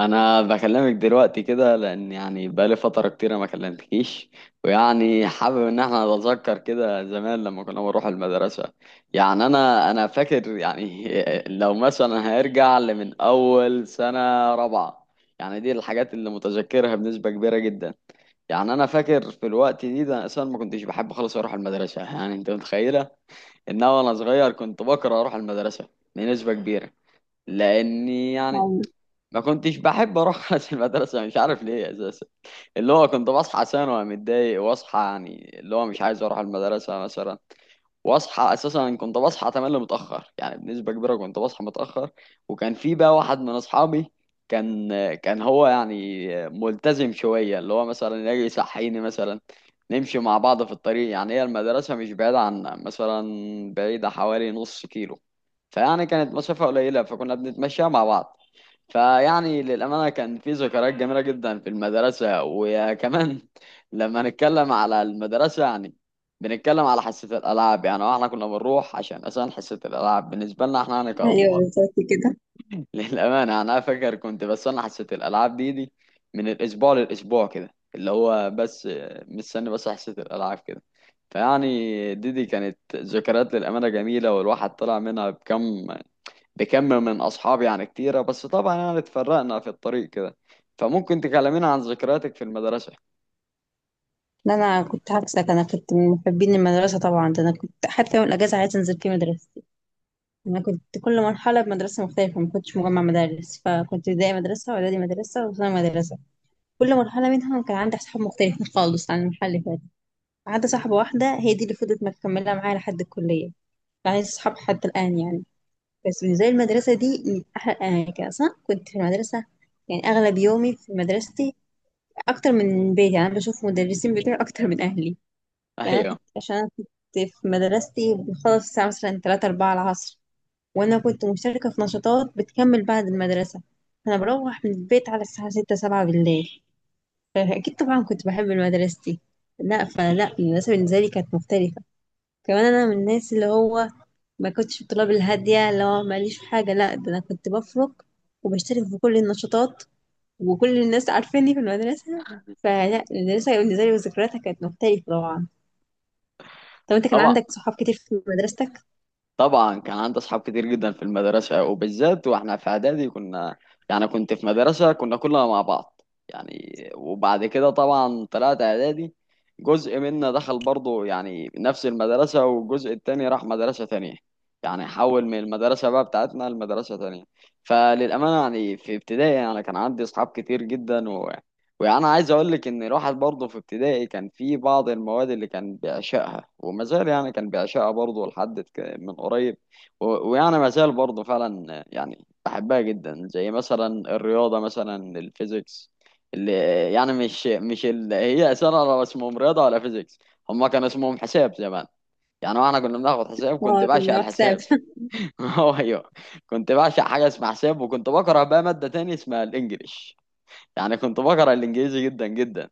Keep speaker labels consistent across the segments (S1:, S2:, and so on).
S1: انا بكلمك دلوقتي كده لان يعني بقالي فتره كتيره ما كلمتكيش. ويعني حابب ان احنا نتذكر كده زمان لما كنا بنروح المدرسه. يعني انا فاكر يعني لو مثلا هيرجع لمن اول سنه رابعه. يعني دي الحاجات اللي متذكرها بنسبه كبيره جدا. يعني انا فاكر في الوقت ده أنا اصلا ما كنتش بحب خالص اروح المدرسه. يعني انت متخيله ان انا وانا صغير كنت بكره اروح المدرسه بنسبه كبيره لاني يعني
S2: أيوة،
S1: ما كنتش بحب اروح المدرسه مش عارف ليه اساسا. اللي هو كنت بصحى عشان وانا متضايق واصحى يعني اللي هو مش عايز اروح المدرسه مثلا، واصحى اساسا كنت بصحى تملي متاخر يعني بنسبه كبيره كنت بصحى متاخر. وكان في بقى واحد من اصحابي كان كان هو يعني ملتزم شويه اللي هو مثلا يجي يصحيني مثلا نمشي مع بعض في الطريق. يعني هي المدرسه مش بعيده عنا مثلا، بعيده حوالي نص كيلو. فيعني كانت مسافه قليله فكنا بنتمشى مع بعض. فيعني للأمانة كان في ذكريات جميلة جدا في المدرسة. وكمان لما نتكلم على المدرسة يعني بنتكلم على حصة الألعاب. يعني واحنا كنا بنروح عشان أصلا حصة الألعاب بالنسبة لنا احنا يعني
S2: أيوة،
S1: كأطفال
S2: بالظبط كده.
S1: للأمانة يعني أنا فاكر كنت بستنى حصة الألعاب دي من الأسبوع للأسبوع كده اللي هو بس مستني بس حصة الألعاب كده. فيعني دي كانت ذكريات للأمانة جميلة، والواحد طلع منها بكم من أصحابي يعني كتيرة، بس طبعا يعني اتفرقنا في الطريق كده. فممكن تكلمينا عن ذكرياتك في المدرسة؟
S2: لا، أنا كنت عكسك، أنا كنت من محبين المدرسة. طبعا ده أنا كنت حتى يوم الأجازة عايزة أنزل في مدرستي. أنا كنت كل مرحلة بمدرسة مختلفة، ما كنتش مجمع مدارس، فكنت ابتدائي مدرسة وإعدادي مدرسة وثانوي مدرسة. كل مرحلة منهم كان عندي أصحاب مختلفين خالص عن المرحلة اللي فاتت، ما عدا صاحبة واحدة هي دي اللي فضلت مكملة معايا لحد الكلية، يعني صحاب حتى الآن يعني. بس بالنسبة لي المدرسة دي من أحلى الأماكن، أصلا كنت في المدرسة يعني أغلب يومي في مدرستي، اكتر من بيتي. يعني انا بشوف مدرسين بتوعي اكتر من اهلي. يعني انا
S1: أيوه،
S2: كنت عشان انا كنت في مدرستي بخلص الساعه مثلا 3 4 العصر، وانا كنت مشتركه في نشاطات بتكمل بعد المدرسه. انا بروح من البيت على الساعه 6 7 بالليل، فاكيد طبعا كنت بحب مدرستي. لا، فلا المدرسه بالنسبه لي كانت مختلفه. كمان انا من الناس اللي هو ما كنتش الطلاب الهاديه اللي هو ماليش في حاجه، لا ده انا كنت بفرق وبشترك في كل النشاطات، وكل الناس عارفاني في المدرسة. فلا المدرسة بالنسبة لي وذكرياتها كانت مختلفة طبعا. طب انت كان
S1: طبعا.
S2: عندك صحاب كتير في مدرستك؟
S1: طبعا كان عندي أصحاب كتير جدا في المدرسة، وبالذات وإحنا في إعدادي كنا يعني كنت في مدرسة كنا كلنا مع بعض. يعني وبعد كده طبعا طلعت إعدادي جزء منا دخل برضه يعني نفس المدرسة، والجزء التاني راح مدرسة تانية. يعني حول من المدرسة بقى بتاعتنا لمدرسة تانية. فللأمانة يعني في ابتدائي أنا يعني كان عندي أصحاب كتير جدا. وانا عايز اقول لك ان الواحد برضه في ابتدائي كان في بعض المواد اللي كان بيعشقها وما زال، يعني كان بيعشقها برضه لحد من قريب ويعني ما زال برضه فعلا يعني بحبها جدا، زي مثلا الرياضه مثلا الفيزيكس اللي يعني مش اللي هي اساسا ولا اسمهم رياضه ولا فيزيكس، هما كان اسمهم حساب زمان. يعني واحنا كنا بناخد حساب كنت
S2: اه
S1: بعشق
S2: كنا وحساب.
S1: الحساب هو ايوه. كنت بعشق حاجه اسمها حساب، وكنت بكره بقى ماده تانية اسمها الانجليش. يعني كنت بكره الانجليزي جدا جدا.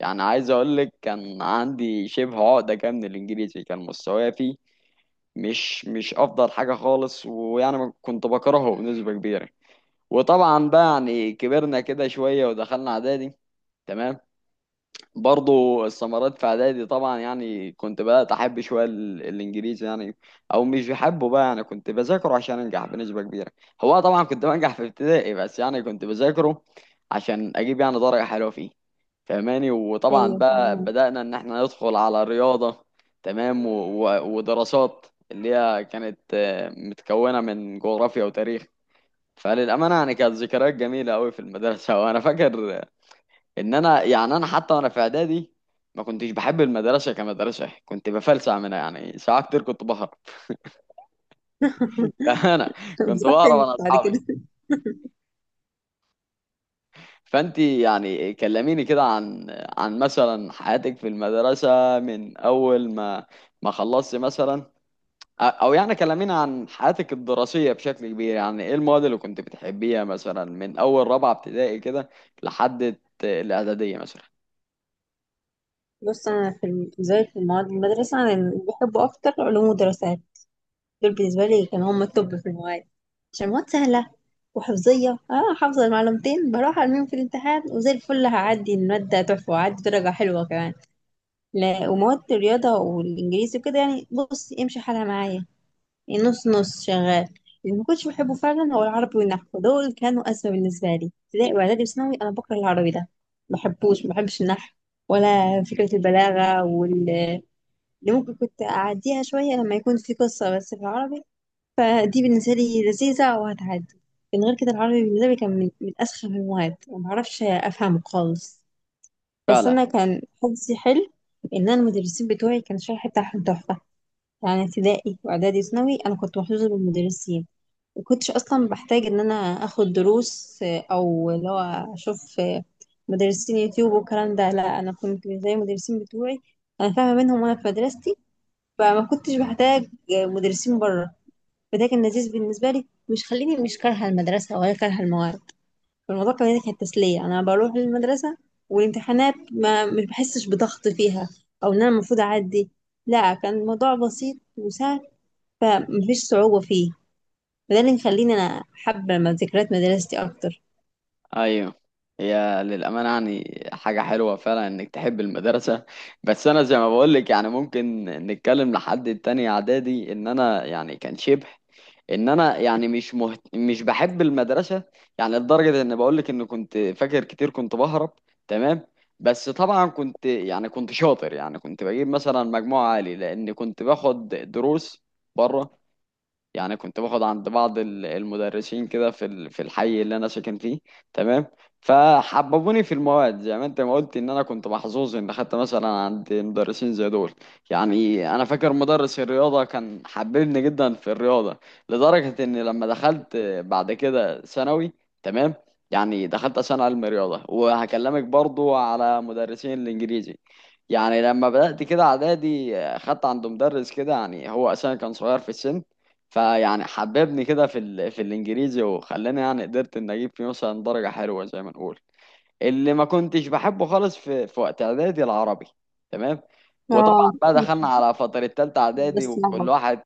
S1: يعني عايز اقول لك كان عندي شبه عقدة كده من الانجليزي، كان مستواي فيه مش افضل حاجة خالص، ويعني كنت بكرهه بنسبة كبيرة. وطبعا بقى يعني كبرنا كده شوية ودخلنا اعدادي. تمام. برضو الثمرات في اعدادي طبعا يعني كنت بدأت احب شوية الانجليزي، يعني او مش بحبه بقى يعني كنت بذاكره عشان انجح بنسبة كبيرة. هو طبعا كنت بنجح في ابتدائي، بس يعني كنت بذاكره عشان اجيب يعني درجة حلوة فيه. فاهماني؟ وطبعا
S2: ايوه
S1: بقى
S2: كنا.
S1: بدأنا ان احنا ندخل على رياضة، تمام، ودراسات اللي هي كانت متكونة من جغرافيا وتاريخ. فللأمانة يعني كانت ذكريات جميلة أوي في المدرسة وأنا فاكر إن أنا يعني أنا حتى وأنا في إعدادي ما كنتش بحب المدرسة كمدرسة، كنت بفلسع منها، يعني ساعات كتير كنت بهرب أنا كنت
S2: بتروح فين
S1: بهرب أنا
S2: بعد
S1: أصحابي.
S2: كده؟
S1: فأنت يعني كلميني كده عن عن مثلا حياتك في المدرسة من أول ما ما خلصت مثلا، او يعني كلمينا عن حياتك الدراسيه بشكل كبير. يعني ايه المواد اللي كنت بتحبيها مثلا من اول رابعه ابتدائي كده لحد الاعداديه مثلا؟
S2: بص انا في بالنسبة لي في المواد المدرسة، انا اللي بحبه اكتر علوم ودراسات. دول بالنسبة لي كانوا هم التوب في المواد، عشان المواد سهلة وحفظية، اه حافظة المعلومتين بروح ارميهم في الامتحان وزي الفل، هعدي المادة تحفة وهعدي درجة حلوة كمان. لا، ومواد الرياضة والإنجليزي وكده يعني بص امشي حالها معايا، يعني نص نص شغال. اللي ما كنتش بحبه فعلا هو العربي والنحو، دول كانوا أزمة بالنسبة لي ابتدائي وإعدادي وثانوي. أنا بكره العربي ده، ما بحبش النحو ولا فكرة البلاغة. واللي ممكن كنت أعديها شوية لما يكون في قصة بس في العربي، فدي بالنسبة لي لذيذة وهتعدي. من غير كده العربي بالنسبة لي كان من أسخف المواد، ومعرفش أفهمه خالص. بس
S1: فعلا.
S2: انا كان حظي حلو ان انا المدرسين بتوعي كان الشرح بتاعهم تحفه. يعني ابتدائي واعدادي وثانوي انا كنت محظوظه بالمدرسين، وكنتش اصلا بحتاج ان انا اخد دروس، او اللي هو اشوف مدرسين يوتيوب والكلام ده. لا انا كنت زي المدرسين بتوعي، انا فاهمه منهم وانا في مدرستي. فما كنتش بحتاج مدرسين بره. فده كان لذيذ بالنسبه لي، مش خليني مش كارهه المدرسه ولا كارهه المواد. فالموضوع كمان دي كانت تسلية، أنا بروح المدرسة، والامتحانات ما مش بحسش بضغط فيها، أو إن أنا المفروض أعدي. لا كان الموضوع بسيط وسهل، فمفيش صعوبة فيه. فده اللي مخليني أنا حابة ذكريات مدرستي أكتر.
S1: ايوه. هي للامانه يعني حاجه حلوه فعلا انك تحب المدرسه. بس انا زي ما بقول لك يعني ممكن نتكلم لحد التاني اعدادي ان انا يعني كان شبه ان انا يعني مش مش بحب المدرسه. يعني لدرجه ان بقول لك ان كنت فاكر كتير كنت بهرب. تمام. بس طبعا كنت يعني كنت شاطر، يعني كنت بجيب مثلا مجموع عالي لان كنت باخد دروس بره. يعني كنت باخد عند بعض المدرسين كده في في الحي اللي انا ساكن فيه. تمام. فحببوني في المواد زي ما انت ما قلت ان انا كنت محظوظ ان خدت مثلا عند مدرسين زي دول. يعني انا فاكر مدرس الرياضه كان حببني جدا في الرياضه، لدرجه ان لما دخلت بعد كده ثانوي، تمام، يعني دخلت عشان علم رياضه. وهكلمك برضو على مدرسين الانجليزي. يعني لما بدأت كده اعدادي خدت عند مدرس كده، يعني هو اساسا كان صغير في السن. فيعني حببني كده في في الانجليزي، وخلاني يعني قدرت ان اجيب فيه مثلا درجة حلوة زي ما نقول. اللي ما كنتش بحبه خالص في وقت اعدادي العربي. تمام. وطبعا
S2: اه
S1: بقى
S2: مش
S1: دخلنا على فترة تالتة اعدادي،
S2: بس
S1: وكل
S2: لعبة.
S1: واحد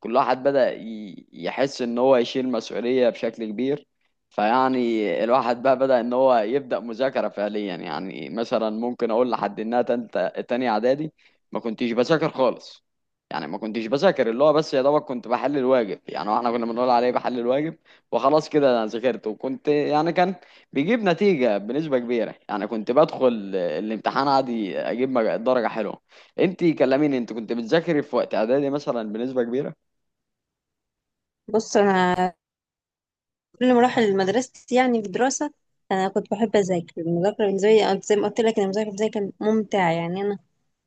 S1: كل واحد بدأ يحس ان هو يشيل مسؤولية بشكل كبير. فيعني الواحد بقى بدأ ان هو يبدأ مذاكرة فعليا. يعني مثلا ممكن اقول لحد انها تالتة تانية اعدادي ما كنتش بذاكر خالص. يعني ما كنتش بذاكر، اللي هو بس يا دوبك كنت بحل الواجب، يعني احنا كنا بنقول عليه بحل الواجب. وخلاص كده انا ذاكرت، وكنت يعني كان بيجيب نتيجة بنسبة كبيرة. يعني كنت بدخل الامتحان عادي أجيب درجة حلوة. أنت كلميني، أنت كنت بتذاكري في وقت إعدادي مثلا بنسبة كبيرة؟
S2: بص أنا كل مراحل مدرستي يعني في الدراسة أنا كنت بحب أذاكر، المذاكرة بالنسبة لي، أنا زي ما قلت لك إن المذاكرة بالنسبة لي كانت ممتعة، يعني أنا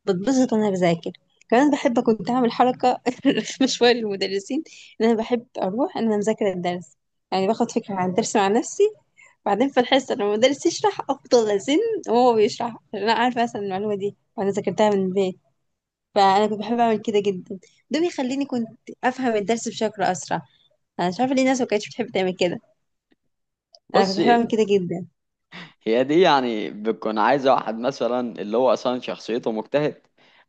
S2: بتبسط وانا بذاكر. كمان بحب كنت اعمل حركه رخمه شويه للمدرسين، ان انا بحب اروح ان انا مذاكره الدرس، يعني باخد فكره عن الدرس مع نفسي، بعدين في الحصه لما المدرس يشرح افضل ازن وهو بيشرح، عشان انا عارفه مثلا المعلومه دي وانا ذاكرتها من البيت. فانا كنت بحب اعمل كده جدا، ده بيخليني كنت افهم الدرس بشكل اسرع. انا مش عارفه ليه الناس ما كانتش بتحب تعمل كده، انا كنت
S1: بص،
S2: بحب اعمل كده جدا.
S1: هي دي يعني بتكون عايزة واحد مثلا اللي هو أصلا شخصيته مجتهد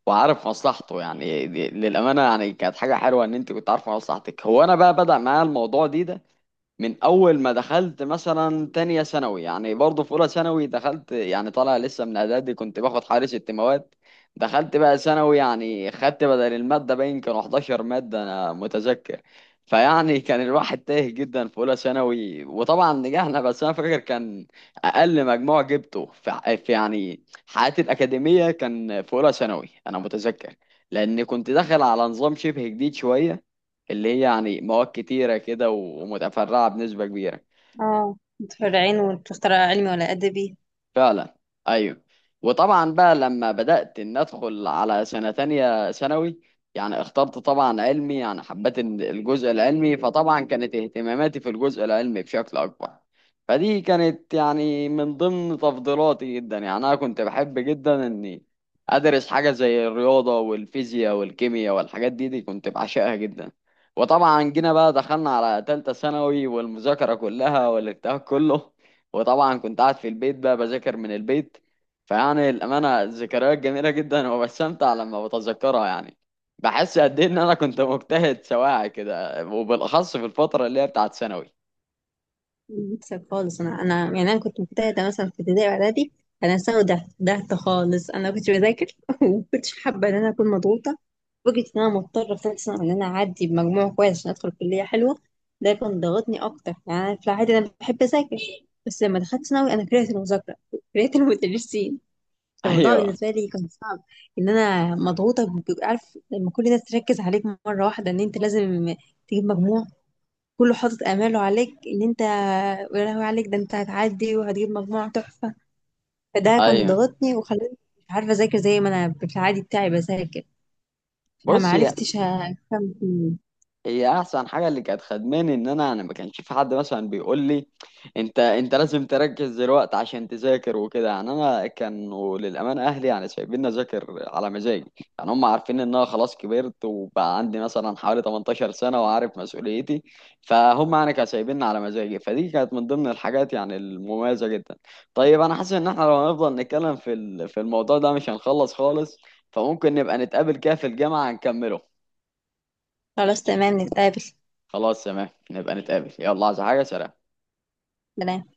S1: وعارف مصلحته. يعني دي للأمانة يعني كانت حاجة حلوة إن أنت كنت عارفة مصلحتك. هو أنا بقى بدأ معايا الموضوع ده من اول ما دخلت مثلا تانية ثانوي. يعني برضه في اولى ثانوي دخلت يعني طالع لسه من اعدادي كنت باخد حوالي ست مواد، دخلت بقى ثانوي يعني خدت بدل المادة باين كانوا 11 مادة انا متذكر. فيعني كان الواحد تايه جدا في اولى ثانوي، وطبعا نجحنا. بس انا فاكر كان اقل مجموع جبته في في يعني حياتي الاكاديمية كان في اولى ثانوي انا متذكر، لان كنت داخل على نظام شبه جديد شوية، اللي هي يعني مواد كتيرة كده ومتفرعة بنسبة كبيرة.
S2: اه متفرعين وتختار علمي ولا ادبي.
S1: فعلا. ايوه. وطبعا بقى لما بدأت ان ادخل على سنة تانية ثانوي يعني اخترت طبعا علمي، يعني حبيت إن الجزء العلمي، فطبعا كانت اهتماماتي في الجزء العلمي بشكل اكبر. فدي كانت يعني من ضمن تفضيلاتي جدا. يعني انا كنت بحب جدا اني ادرس حاجة زي الرياضة والفيزياء والكيمياء، والحاجات دي كنت بعشقها جدا. وطبعا جينا بقى دخلنا على تالتة ثانوي، والمذاكرة كلها والارتياح كله. وطبعا كنت قاعد في البيت بقى بذاكر من البيت. فيعني الأمانة ذكريات جميلة جدا وبستمتع لما بتذكرها. يعني بحس قد إيه إن أنا كنت مجتهد سواعي كده، وبالأخص في الفترة اللي هي بتاعت ثانوي
S2: بكسب خالص. انا كنت مجتهده مثلا في ابتدائي واعدادي. انا ثانوي ضعت، ضعت خالص. انا كنت بذاكر وما كنتش حابه ان انا اكون مضغوطه، فكره ان انا مضطره في ثالث سنه ان انا اعدي بمجموع كويس عشان ادخل كليه حلوه. ده كان ضغطني اكتر، يعني أنا في العادي انا بحب اذاكر، بس لما دخلت ثانوي انا كرهت المذاكره، كرهت المدرسين. الموضوع
S1: أيوه،
S2: بالنسبه لي كان صعب، ان انا مضغوطه. بيبقى عارف لما كل الناس تركز عليك مره واحده ان انت لازم تجيب مجموع، كله حاطط اماله عليك ان انت يا لهوي عليك، ده انت هتعدي وهتجيب مجموعة تحفة. فده كان
S1: أيوه.
S2: ضغطني وخلاني مش عارفة اذاكر زي ما انا في العادي بتاعي بذاكر. فما
S1: بص،
S2: عرفتش هفهم فيه.
S1: هي احسن حاجه اللي كانت خدماني ان انا ما كانش في حد مثلا بيقول لي انت لازم تركز دلوقتي عشان تذاكر وكده. يعني انا كانوا للامانه اهلي يعني سايبيني اذاكر على مزاجي. يعني هم عارفين ان انا خلاص كبرت وبقى عندي مثلا حوالي 18 سنه وعارف مسؤوليتي. فهم يعني كانوا سايبيني على مزاجي، فدي كانت من ضمن الحاجات يعني المميزه جدا. طيب انا حاسس ان احنا لو هنفضل نتكلم في في الموضوع ده مش هنخلص خالص، فممكن نبقى نتقابل كده في الجامعه نكمله.
S2: خلاص تمام نتقابل.
S1: خلاص تمام نبقى نتقابل، يلا، عايز حاجة؟ سلام.
S2: سلام.